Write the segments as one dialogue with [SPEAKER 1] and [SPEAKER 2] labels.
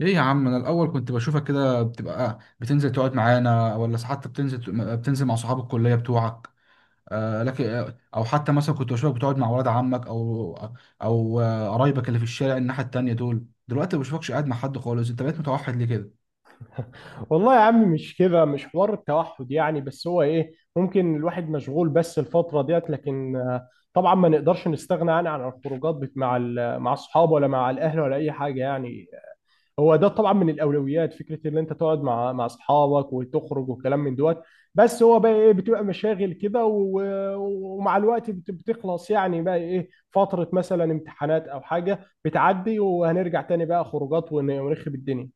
[SPEAKER 1] ايه يا عم، انا الاول كنت بشوفك كده بتبقى بتنزل تقعد معانا، ولا حتى بتنزل مع صحاب الكليه بتوعك. آه لكن او حتى مثلا كنت بشوفك بتقعد مع ولاد عمك او قرايبك اللي في الشارع الناحيه التانيه دول. دلوقتي ما بشوفكش قاعد مع حد خالص، انت بقيت متوحد ليه كده؟
[SPEAKER 2] والله يا عم، مش كده، مش حوار التوحد يعني. بس هو ايه، ممكن الواحد مشغول بس الفترة ديت. لكن طبعا ما نقدرش نستغنى عن الخروجات مع الصحاب، ولا مع الاهل، ولا اي حاجة يعني. هو ده طبعا من الاولويات، فكرة ان انت تقعد مع اصحابك وتخرج وكلام من دوت. بس هو بقى ايه، بتبقى مشاغل كده ومع الوقت بتخلص، يعني بقى ايه، فترة مثلا امتحانات او حاجة بتعدي، وهنرجع تاني بقى خروجات ونخرب الدنيا.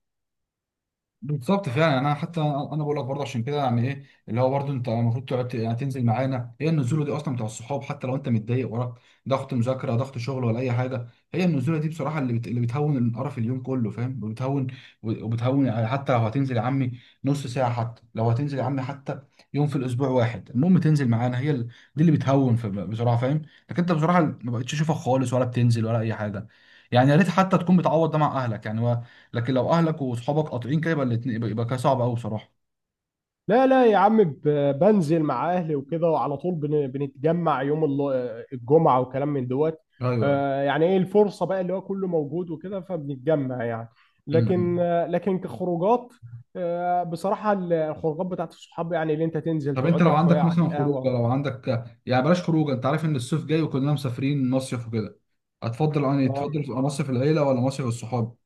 [SPEAKER 1] بالظبط فعلا، يعني انا حتى انا بقول لك برضه عشان كده، يعني ايه اللي هو برضه انت المفروض تقعد يعني تنزل معانا. هي النزوله دي اصلا بتاع الصحاب، حتى لو انت متضايق وراك ضغط مذاكره، ضغط شغل، ولا اي حاجه. هي النزوله دي بصراحه اللي بتهون القرف اليوم كله، فاهم، وبتهون يعني. حتى لو هتنزل يا عمي نص ساعه، حتى لو هتنزل يا عمي حتى يوم في الاسبوع واحد، المهم تنزل معانا. دي اللي بتهون بصراحه، فاهم. لكن انت بصراحه ما بقتش اشوفك خالص، ولا بتنزل ولا اي حاجه. يعني يا ريت حتى تكون بتعوض ده مع اهلك، يعني. لكن لو اهلك واصحابك قاطعين كده، يبقى الاتنين، يبقى كده صعب قوي بصراحه.
[SPEAKER 2] لا لا يا عم، بنزل مع اهلي وكده، وعلى طول بنتجمع يوم الجمعة وكلام من دوت.
[SPEAKER 1] ايوه.
[SPEAKER 2] يعني ايه، الفرصة بقى اللي هو كله موجود وكده، فبنتجمع يعني. لكن
[SPEAKER 1] امم
[SPEAKER 2] لكن كخروجات. بصراحة الخروجات بتاعت الصحاب، يعني اللي انت تنزل
[SPEAKER 1] طب انت
[SPEAKER 2] تقعد
[SPEAKER 1] لو
[SPEAKER 2] لك شوية
[SPEAKER 1] عندك
[SPEAKER 2] على
[SPEAKER 1] مثلا خروجه،
[SPEAKER 2] القهوة.
[SPEAKER 1] لو عندك، يعني بلاش خروجه، انت عارف ان الصيف جاي وكلنا مسافرين مصيف وكده، هتفضل يعني تفضل
[SPEAKER 2] آه.
[SPEAKER 1] تبقى مصيف العيله ولا مصيف الصحاب؟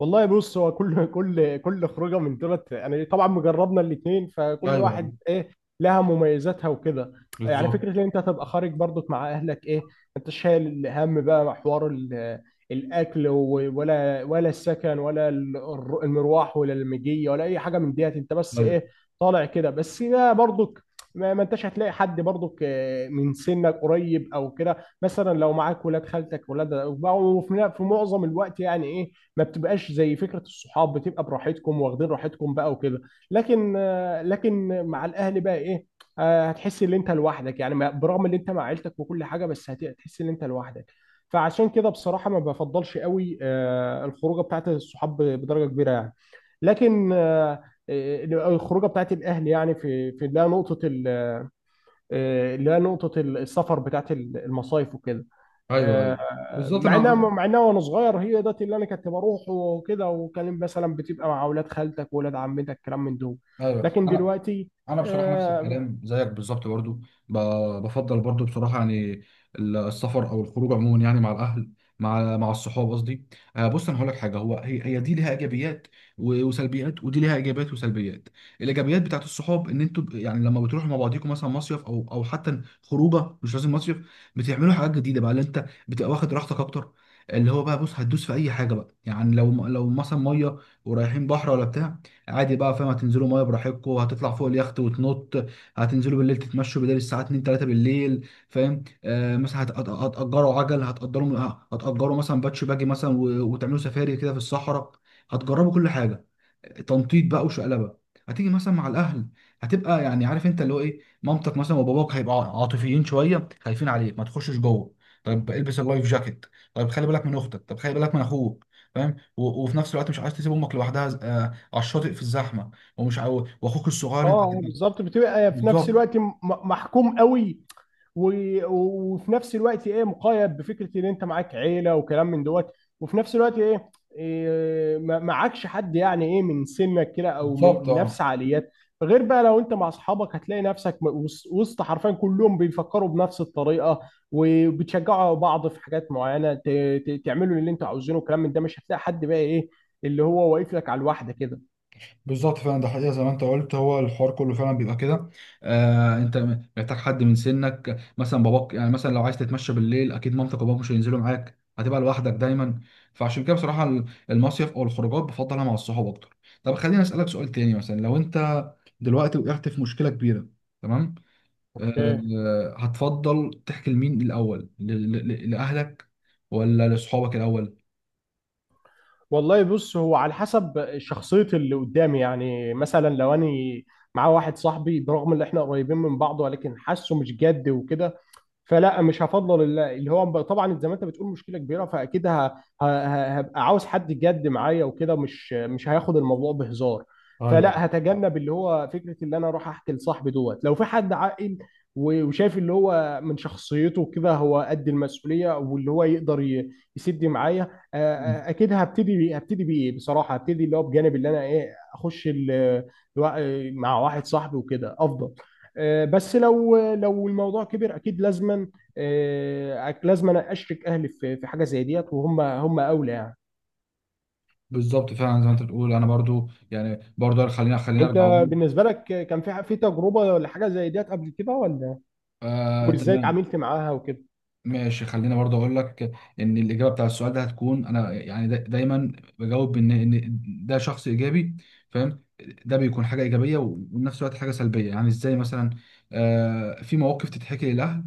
[SPEAKER 2] والله بص، هو كل كل خروجه من دولت، يعني طبعا مجربنا الاثنين،
[SPEAKER 1] ايوه،
[SPEAKER 2] فكل
[SPEAKER 1] ايوه.
[SPEAKER 2] واحد ايه لها مميزاتها وكده. يعني
[SPEAKER 1] بالظبط.
[SPEAKER 2] فكره ان انت تبقى خارج برضك مع اهلك، ايه، انت شايل الهم بقى، مع حوار الاكل، ولا السكن، ولا المروح ولا المجيه، ولا اي حاجه من ديت. انت بس
[SPEAKER 1] ايوه،
[SPEAKER 2] ايه، طالع كده. بس ده برضك، ما انتش هتلاقي حد برضك من سنك قريب او كده، مثلا لو معاك ولاد خالتك ولاد. وفي معظم الوقت يعني ايه، ما بتبقاش زي فكره الصحاب، بتبقى براحتكم، واخدين راحتكم بقى وكده. لكن لكن مع الاهل بقى ايه، هتحس ان انت لوحدك يعني، ما- برغم ان انت مع عيلتك وكل حاجه، بس هتحس ان انت لوحدك. فعشان كده بصراحه ما بفضلش قوي الخروجه بتاعت الصحاب بدرجه كبيره يعني. لكن الخروجه بتاعت الاهل، يعني في ده نقطه، اللي هي نقطة السفر بتاعت المصايف وكده.
[SPEAKER 1] ايوه، ايوه.
[SPEAKER 2] آه،
[SPEAKER 1] بالظبط.
[SPEAKER 2] مع انها
[SPEAKER 1] انا
[SPEAKER 2] وانا صغير، هي ده اللي انا كنت بروح وكده، وكان مثلا بتبقى مع اولاد خالتك واولاد عمتك، كلام من دول.
[SPEAKER 1] ايوه
[SPEAKER 2] لكن
[SPEAKER 1] انا
[SPEAKER 2] دلوقتي،
[SPEAKER 1] انا بصراحه نفس
[SPEAKER 2] اه.
[SPEAKER 1] الكلام زيك بالظبط برضو. بفضل برضو بصراحه، يعني السفر او الخروج عموما، يعني مع الاهل، مع الصحاب قصدي. آه، بص انا هقول لك حاجه، هو هي دي ليها ايجابيات وسلبيات، ودي ليها ايجابيات وسلبيات. الايجابيات بتاعت الصحاب ان انتوا يعني لما بتروحوا مع بعضيكم مثلا مصيف، او حتى خروجه مش لازم مصيف، بتعملوا حاجات جديده بقى، اللي انت بتبقى واخد راحتك اكتر. اللي هو بقى بص هتدوس في اي حاجه بقى. يعني لو مثلا ميه ورايحين بحر ولا بتاع، عادي بقى، فاهم، هتنزلوا ميه براحتكم، هتطلع فوق اليخت وتنط، هتنزلوا بالليل تتمشوا بدل الساعه 2 3 بالليل، فاهم. آه مثلا هتأجروا عجل، هتأجروا مثلا باتش باجي مثلا، وتعملوا سفاري كده في الصحراء، هتجربوا كل حاجه، تنطيط بقى وشقلبه. هتيجي مثلا مع الاهل، هتبقى يعني عارف، انت اللي هو ايه، مامتك مثلا وباباك هيبقوا عاطفيين شويه، خايفين عليك، ما تخشش جوه، طيب البس اللايف جاكيت، طيب خلي بالك من اختك، طب خلي بالك من اخوك. فاهم، وفي نفس الوقت مش عايز تسيب امك لوحدها على الشاطئ في الزحمه. واخوك الصغير انت تبقى.
[SPEAKER 2] بالظبط، بتبقى في نفس
[SPEAKER 1] بالظبط.
[SPEAKER 2] الوقت محكوم قوي، وفي نفس الوقت ايه، مقيد بفكره ان انت معاك عيله وكلام من دوت. وفي نفس الوقت ايه، إيه، ما- معكش حد يعني ايه، من سنك كده، او من
[SPEAKER 1] بالظبط،
[SPEAKER 2] نفس
[SPEAKER 1] اه
[SPEAKER 2] عقليات. غير بقى لو انت مع اصحابك، هتلاقي نفسك وسط حرفيا كلهم بيفكروا بنفس الطريقه، وبتشجعوا بعض في حاجات معينه، تعملوا اللي انتوا عاوزينه وكلام من ده. مش هتلاقي حد بقى ايه، اللي هو واقف لك على الواحده كده.
[SPEAKER 1] بالظبط فعلا، ده حقيقه زي ما انت قلت، هو الحوار كله فعلا بيبقى كده. آه، انت محتاج حد من سنك. مثلا باباك، يعني مثلا لو عايز تتمشى بالليل، اكيد مامتك وباباك مش هينزلوا معاك، هتبقى لوحدك دايما. فعشان كده بصراحه المصيف او الخروجات بفضلها مع الصحاب اكتر. طب خليني اسالك سؤال تاني، مثلا لو انت دلوقتي وقعت في مشكله كبيره، تمام، آه هتفضل تحكي لمين الاول، لاهلك ولا لاصحابك الاول؟
[SPEAKER 2] والله بص، هو على حسب شخصية اللي قدامي، يعني مثلا لو أنا معاه واحد صاحبي، برغم إن إحنا قريبين من بعض، ولكن حاسه مش جد وكده، فلا، مش هفضل طبعا زي ما انت بتقول مشكله كبيره، فاكيد هبقى عاوز حد جد معايا وكده، مش هياخد الموضوع بهزار.
[SPEAKER 1] ايوه.
[SPEAKER 2] فلا، هتجنب اللي هو فكره اللي انا اروح احكي لصاحبي دوت. لو في حد عاقل، وشايف اللي هو من شخصيته كده هو قد المسؤوليه، واللي هو يقدر يسد معايا، آه،
[SPEAKER 1] مم.
[SPEAKER 2] اكيد هبتدي بايه، بصراحه هبتدي اللي هو بجانب، اللي انا ايه اخش مع واحد صاحبي وكده افضل. بس لو الموضوع كبر، اكيد لازما لازما اشرك اهلي في حاجه زي ديت، وهم اولى يعني.
[SPEAKER 1] بالظبط فعلا، زي ما انت بتقول، انا برضو يعني برضو، خلينا
[SPEAKER 2] انت
[SPEAKER 1] ارجع اقول.
[SPEAKER 2] بالنسبه لك كان في تجربه ولا حاجه زي ديت قبل كده ولا؟
[SPEAKER 1] آه
[SPEAKER 2] وازاي
[SPEAKER 1] تمام.
[SPEAKER 2] اتعاملت معاها وكده؟
[SPEAKER 1] ماشي خلينا برضو اقول لك ان الاجابه بتاع السؤال ده هتكون، انا يعني دا دايما بجاوب ان ده شخص ايجابي، فاهم. ده بيكون حاجه ايجابيه وفي نفس الوقت حاجه سلبيه. يعني ازاي مثلا؟ آه، في مواقف تتحكي للاهل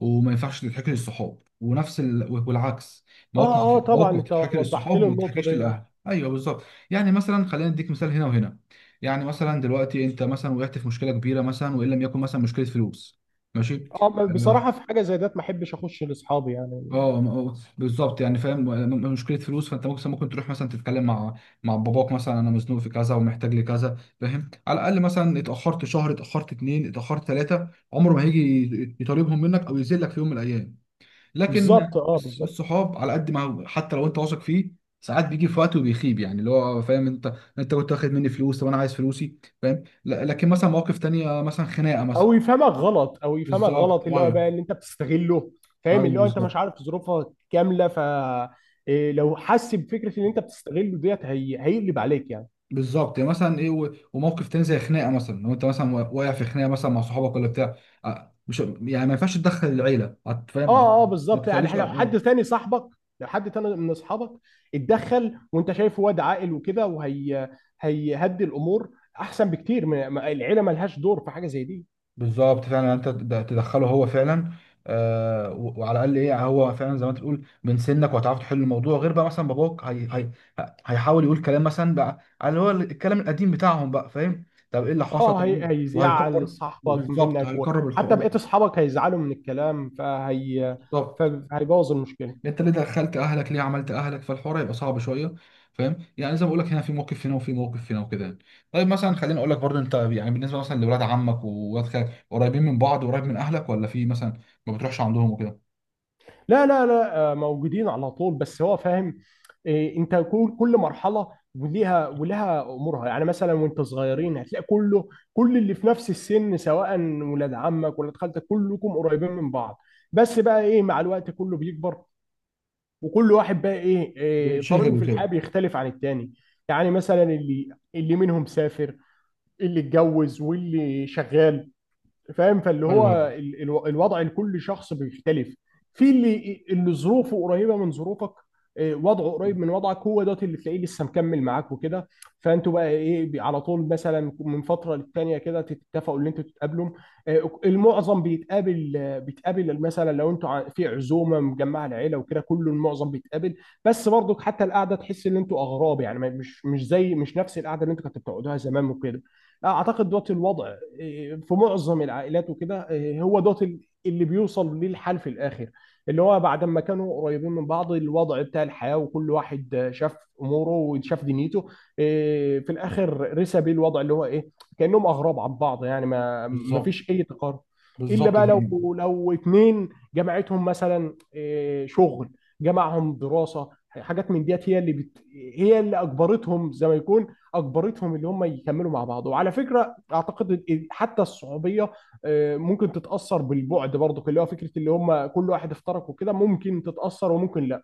[SPEAKER 1] وما ينفعش تتحكي للصحاب، ونفس والعكس،
[SPEAKER 2] اه
[SPEAKER 1] مواقف
[SPEAKER 2] اه طبعا،
[SPEAKER 1] مواقف
[SPEAKER 2] انت
[SPEAKER 1] تتحكي
[SPEAKER 2] وضحت
[SPEAKER 1] للصحاب
[SPEAKER 2] لي
[SPEAKER 1] ما
[SPEAKER 2] النقطه
[SPEAKER 1] تتحكيش
[SPEAKER 2] دي.
[SPEAKER 1] للاهل، ايوه بالظبط. يعني مثلا خلينا نديك مثال هنا وهنا. يعني مثلا دلوقتي انت مثلا وقعت في مشكله كبيره مثلا، وان لم يكن مثلا مشكله فلوس، ماشي.
[SPEAKER 2] اه
[SPEAKER 1] اه،
[SPEAKER 2] بصراحه، في حاجه زي ديت ما احبش اخش لاصحابي يعني.
[SPEAKER 1] آه، آه، بالظبط يعني فاهم. مشكله فلوس، فانت ممكن، تروح مثلا تتكلم مع باباك مثلا، انا مزنوق في كذا ومحتاج لكذا، فاهم، على الاقل مثلا اتاخرت شهر، اتاخرت اتنين، اتاخرت ثلاثه، عمره ما هيجي يطالبهم منك او يذلك في يوم من الايام. لكن
[SPEAKER 2] بالظبط اه بالظبط.
[SPEAKER 1] الصحاب على قد ما حتى لو انت واثق فيه، ساعات بيجي في وقت وبيخيب، يعني اللي هو فاهم، انت كنت واخد مني فلوس، طب انا عايز فلوسي، فاهم. لكن مثلا مواقف تانية مثلا خناقه مثلا.
[SPEAKER 2] او يفهمك غلط،
[SPEAKER 1] بالظبط،
[SPEAKER 2] اللي هو
[SPEAKER 1] ايوه.
[SPEAKER 2] بقى اللي انت بتستغله. فاهم،
[SPEAKER 1] ايوه،
[SPEAKER 2] اللي هو انت مش
[SPEAKER 1] بالظبط.
[SPEAKER 2] عارف ظروفها كامله، ف إيه، لو حس بفكره ان انت بتستغله ديت، هي... هيقلب عليك يعني.
[SPEAKER 1] بالظبط يعني مثلا ايه وموقف تاني زي خناقه مثلا، لو انت مثلا واقع في خناقه مثلا مع صحابك ولا بتاع، اه، مش يعني ما ينفعش تدخل العيله، فاهم.
[SPEAKER 2] اه اه
[SPEAKER 1] ما
[SPEAKER 2] بالظبط،
[SPEAKER 1] تخليش،
[SPEAKER 2] يعني لو
[SPEAKER 1] اه.
[SPEAKER 2] حد تاني صاحبك، لو حد تاني من اصحابك اتدخل، وانت شايفه واد عاقل وكده، وهي هيهدي الامور، احسن بكتير من ما- العيله. ملهاش دور في حاجه زي دي.
[SPEAKER 1] بالظبط فعلا، يعني انت تدخله هو فعلا. آه وعلى الاقل ايه، هو فعلا زي ما انت بتقول من سنك وهتعرف تحل الموضوع. غير بقى مثلا باباك، هيحاول يقول كلام مثلا بقى على هو الكلام القديم بتاعهم بقى، فاهم، طب ايه اللي حصل؟
[SPEAKER 2] اه،
[SPEAKER 1] طب
[SPEAKER 2] هي...
[SPEAKER 1] إيه؟
[SPEAKER 2] هيزعل
[SPEAKER 1] وهيكرر.
[SPEAKER 2] صاحبك
[SPEAKER 1] بالظبط،
[SPEAKER 2] منك،
[SPEAKER 1] هيكرر
[SPEAKER 2] وحتى
[SPEAKER 1] الحقوق.
[SPEAKER 2] بقيت اصحابك هيزعلوا من الكلام، فهي
[SPEAKER 1] بالظبط.
[SPEAKER 2] فهيبوظ المشكله.
[SPEAKER 1] انت ليه دخلت اهلك، ليه عملت اهلك، فالحوار هيبقى صعب شويه، فاهم. يعني زي ما بقول لك، هنا في موقف هنا وفي موقف هنا، وكده يعني. طيب مثلا خليني اقول لك برضه، انت يعني بالنسبه مثلا لولاد عمك وولاد خالك، قريبين من بعض وقريب من اهلك، ولا في مثلا ما بتروحش عندهم وكده؟
[SPEAKER 2] لا لا لا، موجودين على طول، بس هو فاهم إيه، انت كل مرحله ولها امورها يعني. مثلا وانت صغيرين هتلاقي كل اللي في نفس السن، سواء ولاد عمك ولاد خالتك، كلكم قريبين من بعض. بس بقى ايه، مع الوقت كله بيكبر، وكل واحد بقى ايه، إيه طريقه
[SPEAKER 1] بينشغل
[SPEAKER 2] في الحياه
[SPEAKER 1] وكده.
[SPEAKER 2] بيختلف عن التاني. يعني مثلا اللي منهم سافر، اللي اتجوز، واللي شغال، فاهم. فاللي
[SPEAKER 1] ايوه،
[SPEAKER 2] هو
[SPEAKER 1] ايوه.
[SPEAKER 2] الوضع لكل شخص بيختلف. في اللي ظروفه قريبه من ظروفك، وضعه قريب من وضعك، هو دوت اللي تلاقيه لسه مكمل معاك وكده. فانتوا بقى ايه على طول، مثلا من فتره للتانيه كده تتفقوا ان انتوا تتقابلوا. المعظم بيتقابل، بيتقابل مثلا لو انتوا في عزومه مجمعه العيله وكده، كله المعظم بيتقابل. بس برضك حتى القعده، تحس ان انتوا اغراب يعني، ما- مش زي مش نفس القعده اللي انتوا كنتوا بتقعدوها زمان وكده. اعتقد دوت الوضع إيه، في معظم العائلات وكده. إيه، هو دوت اللي بيوصل ليه الحال في الاخر، اللي هو بعد ما كانوا قريبين من بعض، الوضع بتاع الحياه وكل واحد شاف اموره وشاف دنيته، إيه، في الاخر رسى بيه الوضع اللي هو ايه، كانهم اغراب عن بعض يعني، ما
[SPEAKER 1] بالظبط.
[SPEAKER 2] فيش اي تقارب. الا
[SPEAKER 1] بالظبط،
[SPEAKER 2] بقى لو
[SPEAKER 1] فاهم.
[SPEAKER 2] اتنين جمعتهم مثلا إيه، شغل، جمعهم دراسه، حاجات من ديت، هي اللي بت... هي اللي اجبرتهم زي ما يكون، اجبرتهم اللي هم يكملوا مع بعض. وعلى فكره اعتقد إن حتى الصعوبيه، ممكن تتاثر بالبعد برضو، اللي هو فكره اللي هم كل واحد افترق وكده، ممكن تتاثر وممكن لا.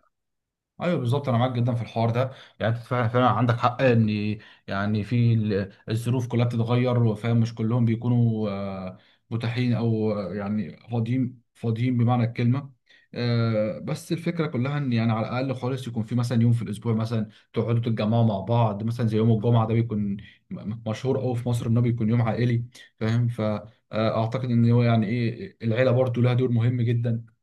[SPEAKER 1] ايوه بالظبط، انا معاك جدا في الحوار ده. يعني انت فعلا فعلا عندك حق، ان يعني في الظروف كلها بتتغير، وفاهم مش كلهم بيكونوا متاحين، او يعني فاضيين بمعنى الكلمه. آه، بس الفكره كلها ان يعني على الاقل خالص، يكون في مثلا يوم في الاسبوع مثلا تقعدوا تتجمعوا مع بعض، مثلا زي يوم الجمعه ده بيكون مشهور قوي في مصر انه بيكون يوم عائلي، فاهم. فاعتقد ان هو يعني ايه، العيله برضو لها دور مهم جدا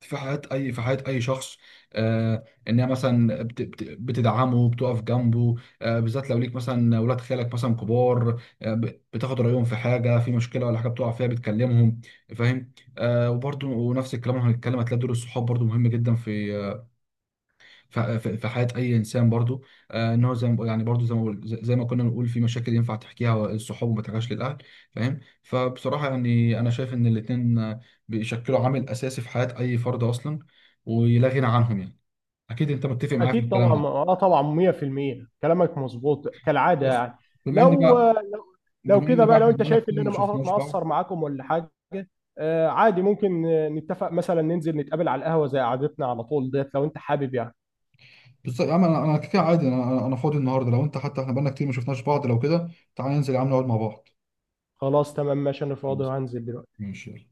[SPEAKER 1] في حياة أي، في حياة أي شخص. آه، إنها مثلا بتدعمه، بتقف جنبه. آه، بالذات لو ليك مثلا ولاد خالك مثلا كبار، آه، بتاخد رأيهم في حاجة، في مشكلة ولا حاجة بتقع فيها بتكلمهم، فاهم. آه، وبرضه ونفس الكلام هنتكلم، هتلاقي دور الصحاب برضه مهم جدا في في حياه اي انسان برضو. آه، ان هو زي ما بقول، يعني برضو زي ما بقول، زي ما كنا بنقول، في مشاكل ينفع تحكيها للصحاب وما تحكيهاش للاهل، فاهم. فبصراحه يعني انا شايف ان الاثنين بيشكلوا عامل اساسي في حياه اي فرد اصلا، ولا غنى عنهم يعني. اكيد انت متفق معايا في
[SPEAKER 2] اكيد
[SPEAKER 1] الكلام
[SPEAKER 2] طبعا،
[SPEAKER 1] ده.
[SPEAKER 2] اه طبعا 100% كلامك مظبوط كالعاده
[SPEAKER 1] خلاص.
[SPEAKER 2] يعني.
[SPEAKER 1] بما ان
[SPEAKER 2] لو
[SPEAKER 1] بقى،
[SPEAKER 2] لو
[SPEAKER 1] بما
[SPEAKER 2] كده
[SPEAKER 1] ان بقى
[SPEAKER 2] بقى، لو
[SPEAKER 1] احنا
[SPEAKER 2] انت
[SPEAKER 1] بقالنا
[SPEAKER 2] شايف ان
[SPEAKER 1] كتير
[SPEAKER 2] انا
[SPEAKER 1] ما شفناش بعض.
[SPEAKER 2] مقصر معاكم ولا حاجه، عادي، ممكن نتفق مثلا ننزل نتقابل على القهوه زي قعدتنا على طول ديت، لو انت حابب يعني.
[SPEAKER 1] بالظبط يا عم، انا كده عادي، انا فاضي النهارده، لو انت، حتى احنا بقالنا كتير ما شفناش بعض، لو كده تعالى ننزل يا عم نقعد مع بعض.
[SPEAKER 2] خلاص تمام، ماشي، انا فاضي
[SPEAKER 1] خلاص،
[SPEAKER 2] وهنزل دلوقتي.
[SPEAKER 1] ماشي، يلا.